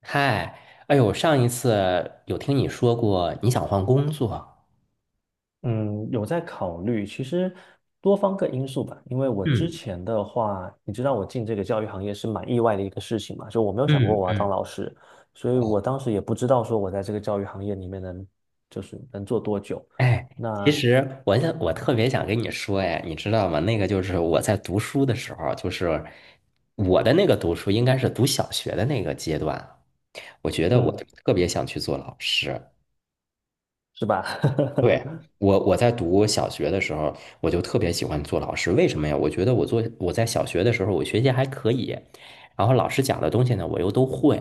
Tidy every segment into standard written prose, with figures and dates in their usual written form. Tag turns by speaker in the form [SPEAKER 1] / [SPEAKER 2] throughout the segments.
[SPEAKER 1] 嗨。哎呦，上一次有听你说过你想换工作。
[SPEAKER 2] 嗯，有在考虑，其实多方个因素吧。因为我之
[SPEAKER 1] 嗯
[SPEAKER 2] 前的话，你知道我进这个教育行业是蛮意外的一个事情嘛，就我没有想过
[SPEAKER 1] 嗯
[SPEAKER 2] 我要当
[SPEAKER 1] 嗯。
[SPEAKER 2] 老师，所以我
[SPEAKER 1] 哦。
[SPEAKER 2] 当时也不知道说我在这个教育行业里面就是能做多久。
[SPEAKER 1] 哎，其
[SPEAKER 2] 那
[SPEAKER 1] 实我特别想跟你说，哎，你知道吗？那个就是我在读书的时候，就是我的那个读书应该是读小学的那个阶段，我觉得我
[SPEAKER 2] 嗯，
[SPEAKER 1] 特别想去做老师。
[SPEAKER 2] 是吧？
[SPEAKER 1] 对，我在读小学的时候，我就特别喜欢做老师。为什么呀？我觉得我在小学的时候，我学习还可以，然后老师讲的东西呢，我又都会。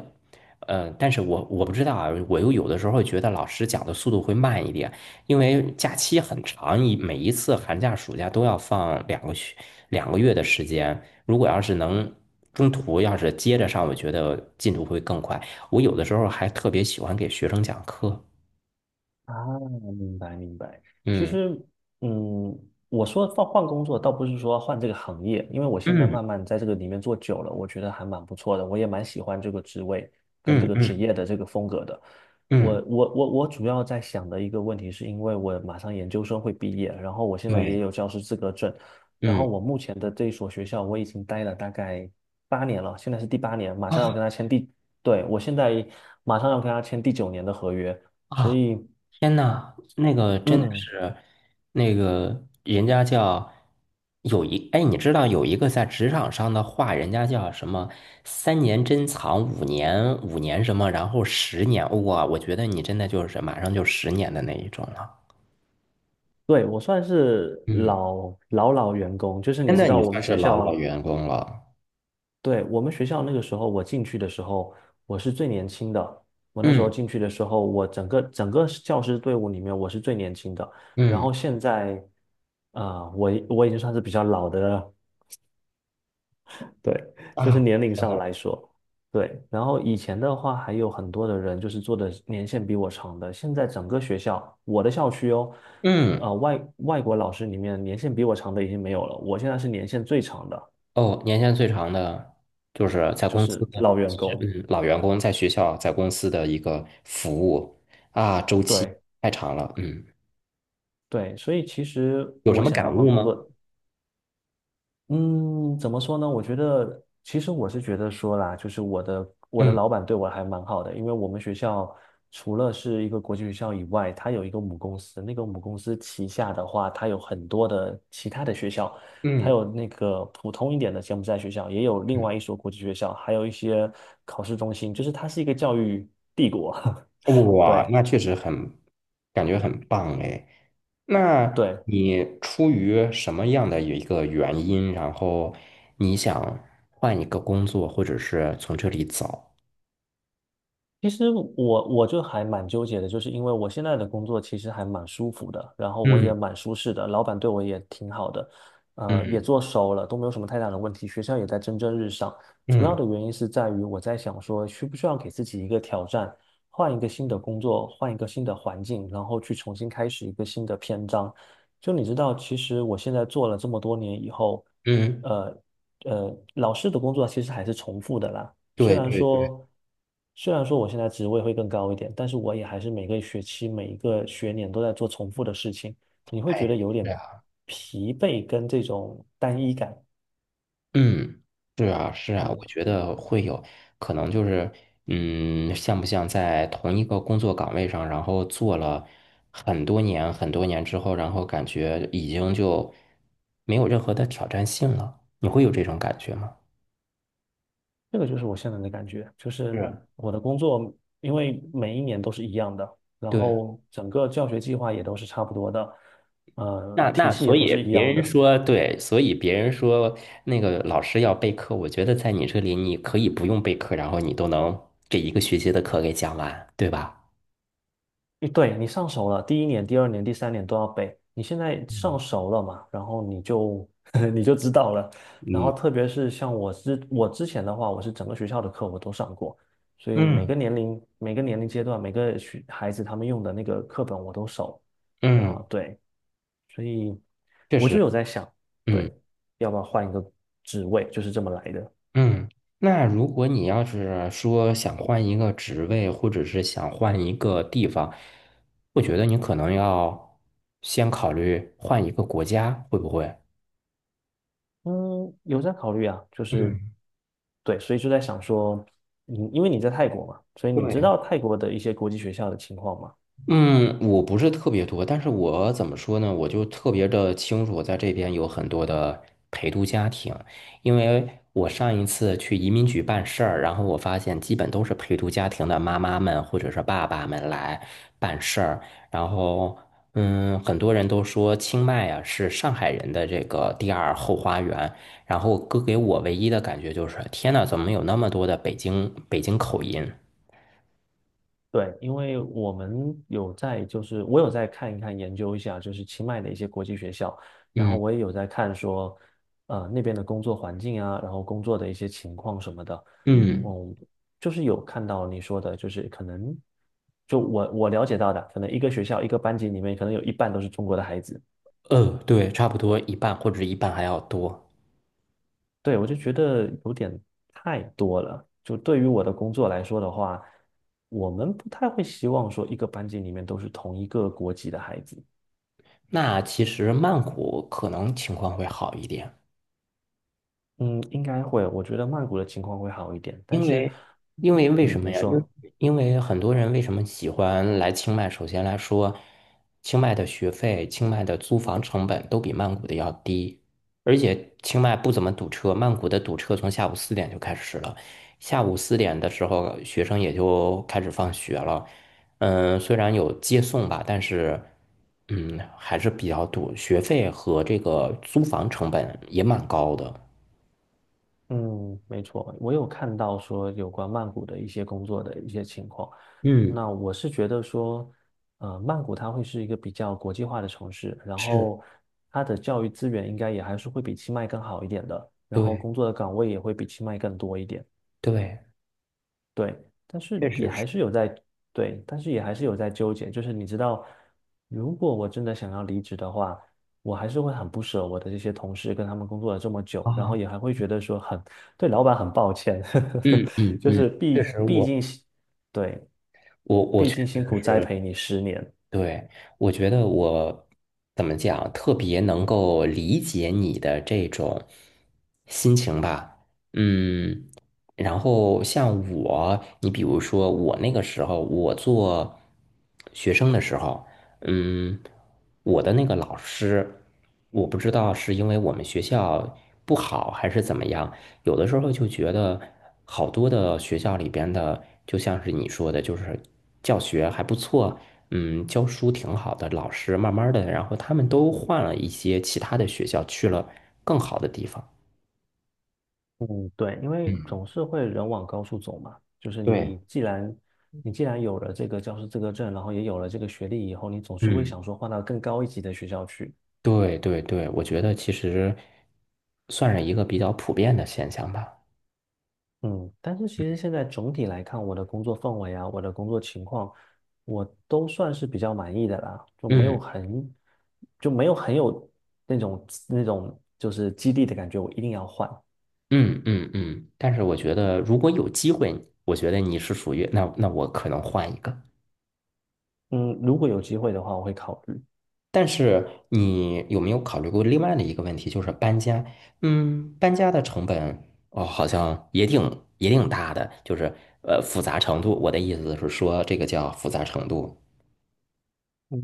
[SPEAKER 1] 嗯，但是我不知道啊，我又有的时候觉得老师讲的速度会慢一点，因为假期很长，每一次寒假、暑假都要放2个月的时间。如果要是能中途要是接着上，我觉得进度会更快。我有的时候还特别喜欢给学生讲课。
[SPEAKER 2] 啊，明白明白。其
[SPEAKER 1] 嗯
[SPEAKER 2] 实，嗯，我说换换工作，倒不是说换这个行业，因为我现在
[SPEAKER 1] 嗯
[SPEAKER 2] 慢慢在这个里面做久了，我觉得还蛮不错的，我也蛮喜欢这个职位跟这
[SPEAKER 1] 嗯
[SPEAKER 2] 个职
[SPEAKER 1] 嗯。
[SPEAKER 2] 业的这个风格的。
[SPEAKER 1] 嗯。
[SPEAKER 2] 我主要在想的一个问题，是因为我马上研究生会毕业，然后我现在也
[SPEAKER 1] 对。
[SPEAKER 2] 有教师资格证，然后
[SPEAKER 1] 嗯
[SPEAKER 2] 我目前的这一所学校我已经待了大概八年了，现在是第八年，马上要
[SPEAKER 1] 啊
[SPEAKER 2] 跟他签第，对，我现在马上要跟他签第九年的合约，所
[SPEAKER 1] 啊。
[SPEAKER 2] 以。
[SPEAKER 1] 天呐，那个真的
[SPEAKER 2] 嗯，
[SPEAKER 1] 是，那个人家叫哎，你知道有一个在职场上的话，人家叫什么？3年珍藏，五年什么，然后十年，哇，我觉得你真的就是马上就十年的那一种了。
[SPEAKER 2] 对，我算是
[SPEAKER 1] 嗯，
[SPEAKER 2] 老老老员工，就是你
[SPEAKER 1] 现
[SPEAKER 2] 知
[SPEAKER 1] 在
[SPEAKER 2] 道
[SPEAKER 1] 你
[SPEAKER 2] 我
[SPEAKER 1] 算
[SPEAKER 2] 们
[SPEAKER 1] 是
[SPEAKER 2] 学
[SPEAKER 1] 老老
[SPEAKER 2] 校，
[SPEAKER 1] 员工了。
[SPEAKER 2] 对，我们学校那个时候我进去的时候，我是最年轻的。我那时候
[SPEAKER 1] 嗯
[SPEAKER 2] 进去的时候，我整个教师队伍里面我是最年轻的。然
[SPEAKER 1] 嗯
[SPEAKER 2] 后现在，我已经算是比较老的对，就是
[SPEAKER 1] 啊。
[SPEAKER 2] 年龄
[SPEAKER 1] 真
[SPEAKER 2] 上
[SPEAKER 1] 的。
[SPEAKER 2] 来说，对。然后以前的话，还有很多的人就是做的年限比我长的。现在整个学校，我的校区哦，
[SPEAKER 1] 嗯。
[SPEAKER 2] 外国老师里面年限比我长的已经没有了，我现在是年限最长的，
[SPEAKER 1] 哦，年限最长的就是在
[SPEAKER 2] 就
[SPEAKER 1] 公司
[SPEAKER 2] 是
[SPEAKER 1] 的。
[SPEAKER 2] 老员
[SPEAKER 1] 其实，
[SPEAKER 2] 工。
[SPEAKER 1] 老员工在学校在公司的一个服务啊，周期
[SPEAKER 2] 对
[SPEAKER 1] 太长了。嗯。
[SPEAKER 2] 对，所以其实
[SPEAKER 1] 有什
[SPEAKER 2] 我
[SPEAKER 1] 么
[SPEAKER 2] 想要
[SPEAKER 1] 感
[SPEAKER 2] 换
[SPEAKER 1] 悟
[SPEAKER 2] 工
[SPEAKER 1] 吗？
[SPEAKER 2] 作，嗯，怎么说呢？我觉得，其实我是觉得说啦，就是我的
[SPEAKER 1] 嗯
[SPEAKER 2] 老板对我还蛮好的，因为我们学校除了是一个国际学校以外，它有一个母公司，那个母公司旗下的话，它有很多的其他的学校，它
[SPEAKER 1] 嗯
[SPEAKER 2] 有那个普通一点的柬埔寨学校，也有另外一所国际学校，还有一些考试中心，就是它是一个教育帝国。
[SPEAKER 1] 嗯。哇，
[SPEAKER 2] 对。
[SPEAKER 1] 那确实很，感觉很棒哎。那
[SPEAKER 2] 对，
[SPEAKER 1] 你出于什么样的一个原因，然后你想换一个工作，或者是从这里走？
[SPEAKER 2] 其实我就还蛮纠结的，就是因为我现在的工作其实还蛮舒服的，然后我
[SPEAKER 1] 嗯
[SPEAKER 2] 也蛮舒适的，老板对我也挺好的，也
[SPEAKER 1] 嗯
[SPEAKER 2] 做熟了，都没有什么太大的问题，学校也在蒸蒸日上。主要
[SPEAKER 1] 嗯
[SPEAKER 2] 的原因是在于我在想说，需不需要给自己一个挑战，换一个新的工作，换一个新的环境，然后去重新开始一个新的篇章。就你知道，其实我现在做了这么多年以后，
[SPEAKER 1] 嗯。
[SPEAKER 2] 呃老师的工作其实还是重复的啦。虽
[SPEAKER 1] 对
[SPEAKER 2] 然
[SPEAKER 1] 对对。
[SPEAKER 2] 说，虽然说我现在职位会更高一点，但是我也还是每个学期、每一个学年都在做重复的事情，你会觉
[SPEAKER 1] 哎。
[SPEAKER 2] 得有
[SPEAKER 1] 是，
[SPEAKER 2] 点疲惫跟这种单一感。
[SPEAKER 1] 嗯，是啊，是啊，我
[SPEAKER 2] 嗯，
[SPEAKER 1] 觉得会有可能就是，像不像在同一个工作岗位上，然后做了很多年、很多年之后，然后感觉已经就没有任何的挑战性了，你会有这种感觉吗？
[SPEAKER 2] 这个就是我现在的感觉，就是
[SPEAKER 1] 是。
[SPEAKER 2] 我的工作，因为每一年都是一样的，然
[SPEAKER 1] 对，
[SPEAKER 2] 后整个教学计划也都是差不多的，
[SPEAKER 1] 那
[SPEAKER 2] 体
[SPEAKER 1] 那
[SPEAKER 2] 系也
[SPEAKER 1] 所
[SPEAKER 2] 都
[SPEAKER 1] 以
[SPEAKER 2] 是一
[SPEAKER 1] 别
[SPEAKER 2] 样
[SPEAKER 1] 人
[SPEAKER 2] 的，
[SPEAKER 1] 说对，所以别人说那个老师要备课，我觉得在你这里你可以不用备课，然后你都能这一个学期的课给讲完，对吧？
[SPEAKER 2] 一对你上手了，第一年、第二年、第三年都要背。你现在上
[SPEAKER 1] 嗯
[SPEAKER 2] 手了嘛，然后你就 你就知道了。然
[SPEAKER 1] 嗯
[SPEAKER 2] 后特别是像我之前的话，我是整个学校的课我都上过，所以每个
[SPEAKER 1] 嗯。
[SPEAKER 2] 年龄、每个年龄阶段、每个孩子他们用的那个课本我都熟。
[SPEAKER 1] 嗯。
[SPEAKER 2] 啊，对，所以
[SPEAKER 1] 确
[SPEAKER 2] 我就
[SPEAKER 1] 实。
[SPEAKER 2] 有在想，
[SPEAKER 1] 嗯
[SPEAKER 2] 对，要不要换一个职位，就是这么来的。
[SPEAKER 1] 嗯。那如果你要是说想换一个职位，或者是想换一个地方，我觉得你可能要先考虑换一个国家，会不会？
[SPEAKER 2] 嗯，有在考虑啊，就是
[SPEAKER 1] 嗯，
[SPEAKER 2] 对，所以就在想说，嗯，因为你在泰国嘛，所以你知
[SPEAKER 1] 对。
[SPEAKER 2] 道泰国的一些国际学校的情况吗？
[SPEAKER 1] 嗯，我不是特别多，但是我怎么说呢？我就特别的清楚，在这边有很多的陪读家庭，因为我上一次去移民局办事儿，然后我发现基本都是陪读家庭的妈妈们或者是爸爸们来办事儿，然后很多人都说清迈啊是上海人的这个第二后花园，然后哥给我唯一的感觉就是，天呐，怎么有那么多的北京口音？
[SPEAKER 2] 对，因为我们有在，就是我有在看一看、研究一下，就是清迈的一些国际学校，然后
[SPEAKER 1] 嗯
[SPEAKER 2] 我也有在看说，那边的工作环境啊，然后工作的一些情况什么的，
[SPEAKER 1] 嗯。
[SPEAKER 2] 嗯，就是有看到你说的，就是可能，就我了解到的，可能一个学校一个班级里面，可能有一半都是中国的孩子。
[SPEAKER 1] 对，差不多一半或者一半还要多。
[SPEAKER 2] 对，我就觉得有点太多了。就对于我的工作来说的话，我们不太会希望说一个班级里面都是同一个国籍的孩子。
[SPEAKER 1] 那其实曼谷可能情况会好一点。
[SPEAKER 2] 嗯，应该会。我觉得曼谷的情况会好一点，但
[SPEAKER 1] 因
[SPEAKER 2] 是，
[SPEAKER 1] 为，因为为什
[SPEAKER 2] 嗯，
[SPEAKER 1] 么
[SPEAKER 2] 你
[SPEAKER 1] 呀？因为
[SPEAKER 2] 说。
[SPEAKER 1] 因为很多人为什么喜欢来清迈？首先来说，清迈的学费、清迈的租房成本都比曼谷的要低，而且清迈不怎么堵车，曼谷的堵车从下午四点就开始了，下午四点的时候学生也就开始放学了。嗯，虽然有接送吧，但是还是比较堵，学费和这个租房成本也蛮高的。
[SPEAKER 2] 嗯，没错，我有看到说有关曼谷的一些工作的一些情况。
[SPEAKER 1] 嗯，
[SPEAKER 2] 那我是觉得说，曼谷它会是一个比较国际化的城市，然
[SPEAKER 1] 是，
[SPEAKER 2] 后它的教育资源应该也还是会比清迈更好一点的，然后
[SPEAKER 1] 对
[SPEAKER 2] 工作的岗位也会比清迈更多一点。
[SPEAKER 1] 对。
[SPEAKER 2] 对，但是
[SPEAKER 1] 确
[SPEAKER 2] 也
[SPEAKER 1] 实是
[SPEAKER 2] 还是有在，对，但是也还是有在纠结。就是你知道，如果我真的想要离职的话，我还是会很不舍我的这些同事，跟他们工作了这么久，然后
[SPEAKER 1] 啊。
[SPEAKER 2] 也还会觉得说很，对老板很抱歉，
[SPEAKER 1] 嗯嗯
[SPEAKER 2] 就
[SPEAKER 1] 嗯。
[SPEAKER 2] 是
[SPEAKER 1] 确
[SPEAKER 2] 毕
[SPEAKER 1] 实
[SPEAKER 2] 毕
[SPEAKER 1] 我，
[SPEAKER 2] 竟是对，
[SPEAKER 1] 我
[SPEAKER 2] 毕
[SPEAKER 1] 确
[SPEAKER 2] 竟辛苦
[SPEAKER 1] 实
[SPEAKER 2] 栽
[SPEAKER 1] 是，
[SPEAKER 2] 培你10年。
[SPEAKER 1] 对，我觉得我怎么讲，特别能够理解你的这种心情吧。嗯，然后像我，你比如说我那个时候，我做学生的时候，嗯，我的那个老师，我不知道是因为我们学校不好还是怎么样，有的时候就觉得好多的学校里边的，就像是你说的，就是教学还不错，教书挺好的老师，慢慢的，然后他们都换了一些其他的学校，去了更好的地方。
[SPEAKER 2] 嗯，对，因为
[SPEAKER 1] 嗯，
[SPEAKER 2] 总是会人往高处走嘛，就是
[SPEAKER 1] 对，
[SPEAKER 2] 你既然有了这个教师资格证，然后也有了这个学历以后，你总是会
[SPEAKER 1] 嗯。
[SPEAKER 2] 想说换到更高一级的学校去。
[SPEAKER 1] 对对对，我觉得其实算是一个比较普遍的现象吧。
[SPEAKER 2] 嗯，但是其实现在总体来看，我的工作氛围啊，我的工作情况，我都算是比较满意的啦，就没有
[SPEAKER 1] 嗯
[SPEAKER 2] 很，就没有很有那种就是激励的感觉，我一定要换。
[SPEAKER 1] 嗯嗯嗯。但是我觉得如果有机会，我觉得你是属于那，那我可能换一个。
[SPEAKER 2] 嗯，如果有机会的话，我会考虑。
[SPEAKER 1] 但是你有没有考虑过另外的一个问题，就是搬家？嗯，搬家的成本哦，好像也挺大的，就是复杂程度。我的意思是说，这个叫复杂程度。
[SPEAKER 2] 嗯，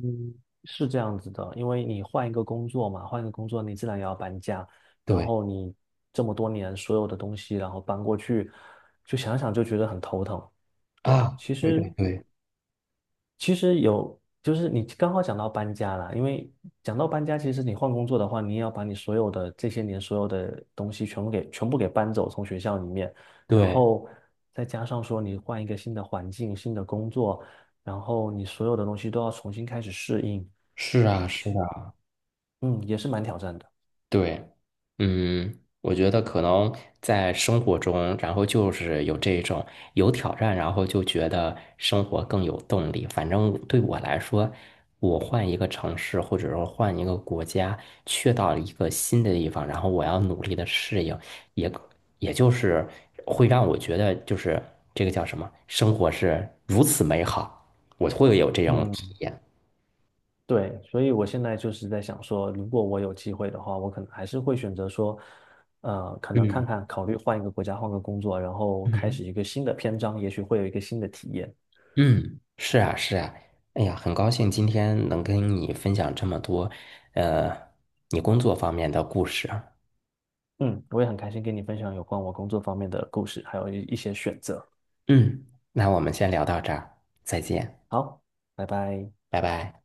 [SPEAKER 2] 是这样子的，因为你换一个工作嘛，换一个工作，你自然也要搬家，然
[SPEAKER 1] 对
[SPEAKER 2] 后你这么多年所有的东西，然后搬过去，就想想就觉得很头疼。对，
[SPEAKER 1] 啊，
[SPEAKER 2] 其
[SPEAKER 1] 对
[SPEAKER 2] 实。
[SPEAKER 1] 对对
[SPEAKER 2] 其实有，就是你刚好讲到搬家啦，因为讲到搬家，其实你换工作的话，你也要把你所有的这些年所有的东西全部给搬走，从学校里面，然
[SPEAKER 1] 对，
[SPEAKER 2] 后再加上说你换一个新的环境、新的工作，然后你所有的东西都要重新开始适应，
[SPEAKER 1] 是啊是
[SPEAKER 2] 去，
[SPEAKER 1] 啊。
[SPEAKER 2] 嗯也是蛮挑战的。
[SPEAKER 1] 对，我觉得可能在生活中，然后就是有这种有挑战，然后就觉得生活更有动力。反正对我来说，我换一个城市，或者说换一个国家，去到一个新的地方，然后我要努力的适应，也可也就是会让我觉得，就是这个叫什么，生活是如此美好，我会有这种体
[SPEAKER 2] 嗯。
[SPEAKER 1] 验。
[SPEAKER 2] 对，所以我现在就是在想说，如果我有机会的话，我可能还是会选择说，可能看
[SPEAKER 1] 嗯
[SPEAKER 2] 看，考虑换一个国家，换个工作，然后开
[SPEAKER 1] 嗯。
[SPEAKER 2] 始一个新的篇章，也许会有一个新的体验。
[SPEAKER 1] 嗯，是啊，是啊，哎呀，很高兴今天能跟你分享这么多，呃，你工作方面的故事啊。
[SPEAKER 2] 嗯，我也很开心跟你分享有关我工作方面的故事，还有一些选择。
[SPEAKER 1] 嗯。那我们先聊到这儿，再见，
[SPEAKER 2] 好，拜拜。
[SPEAKER 1] 拜拜。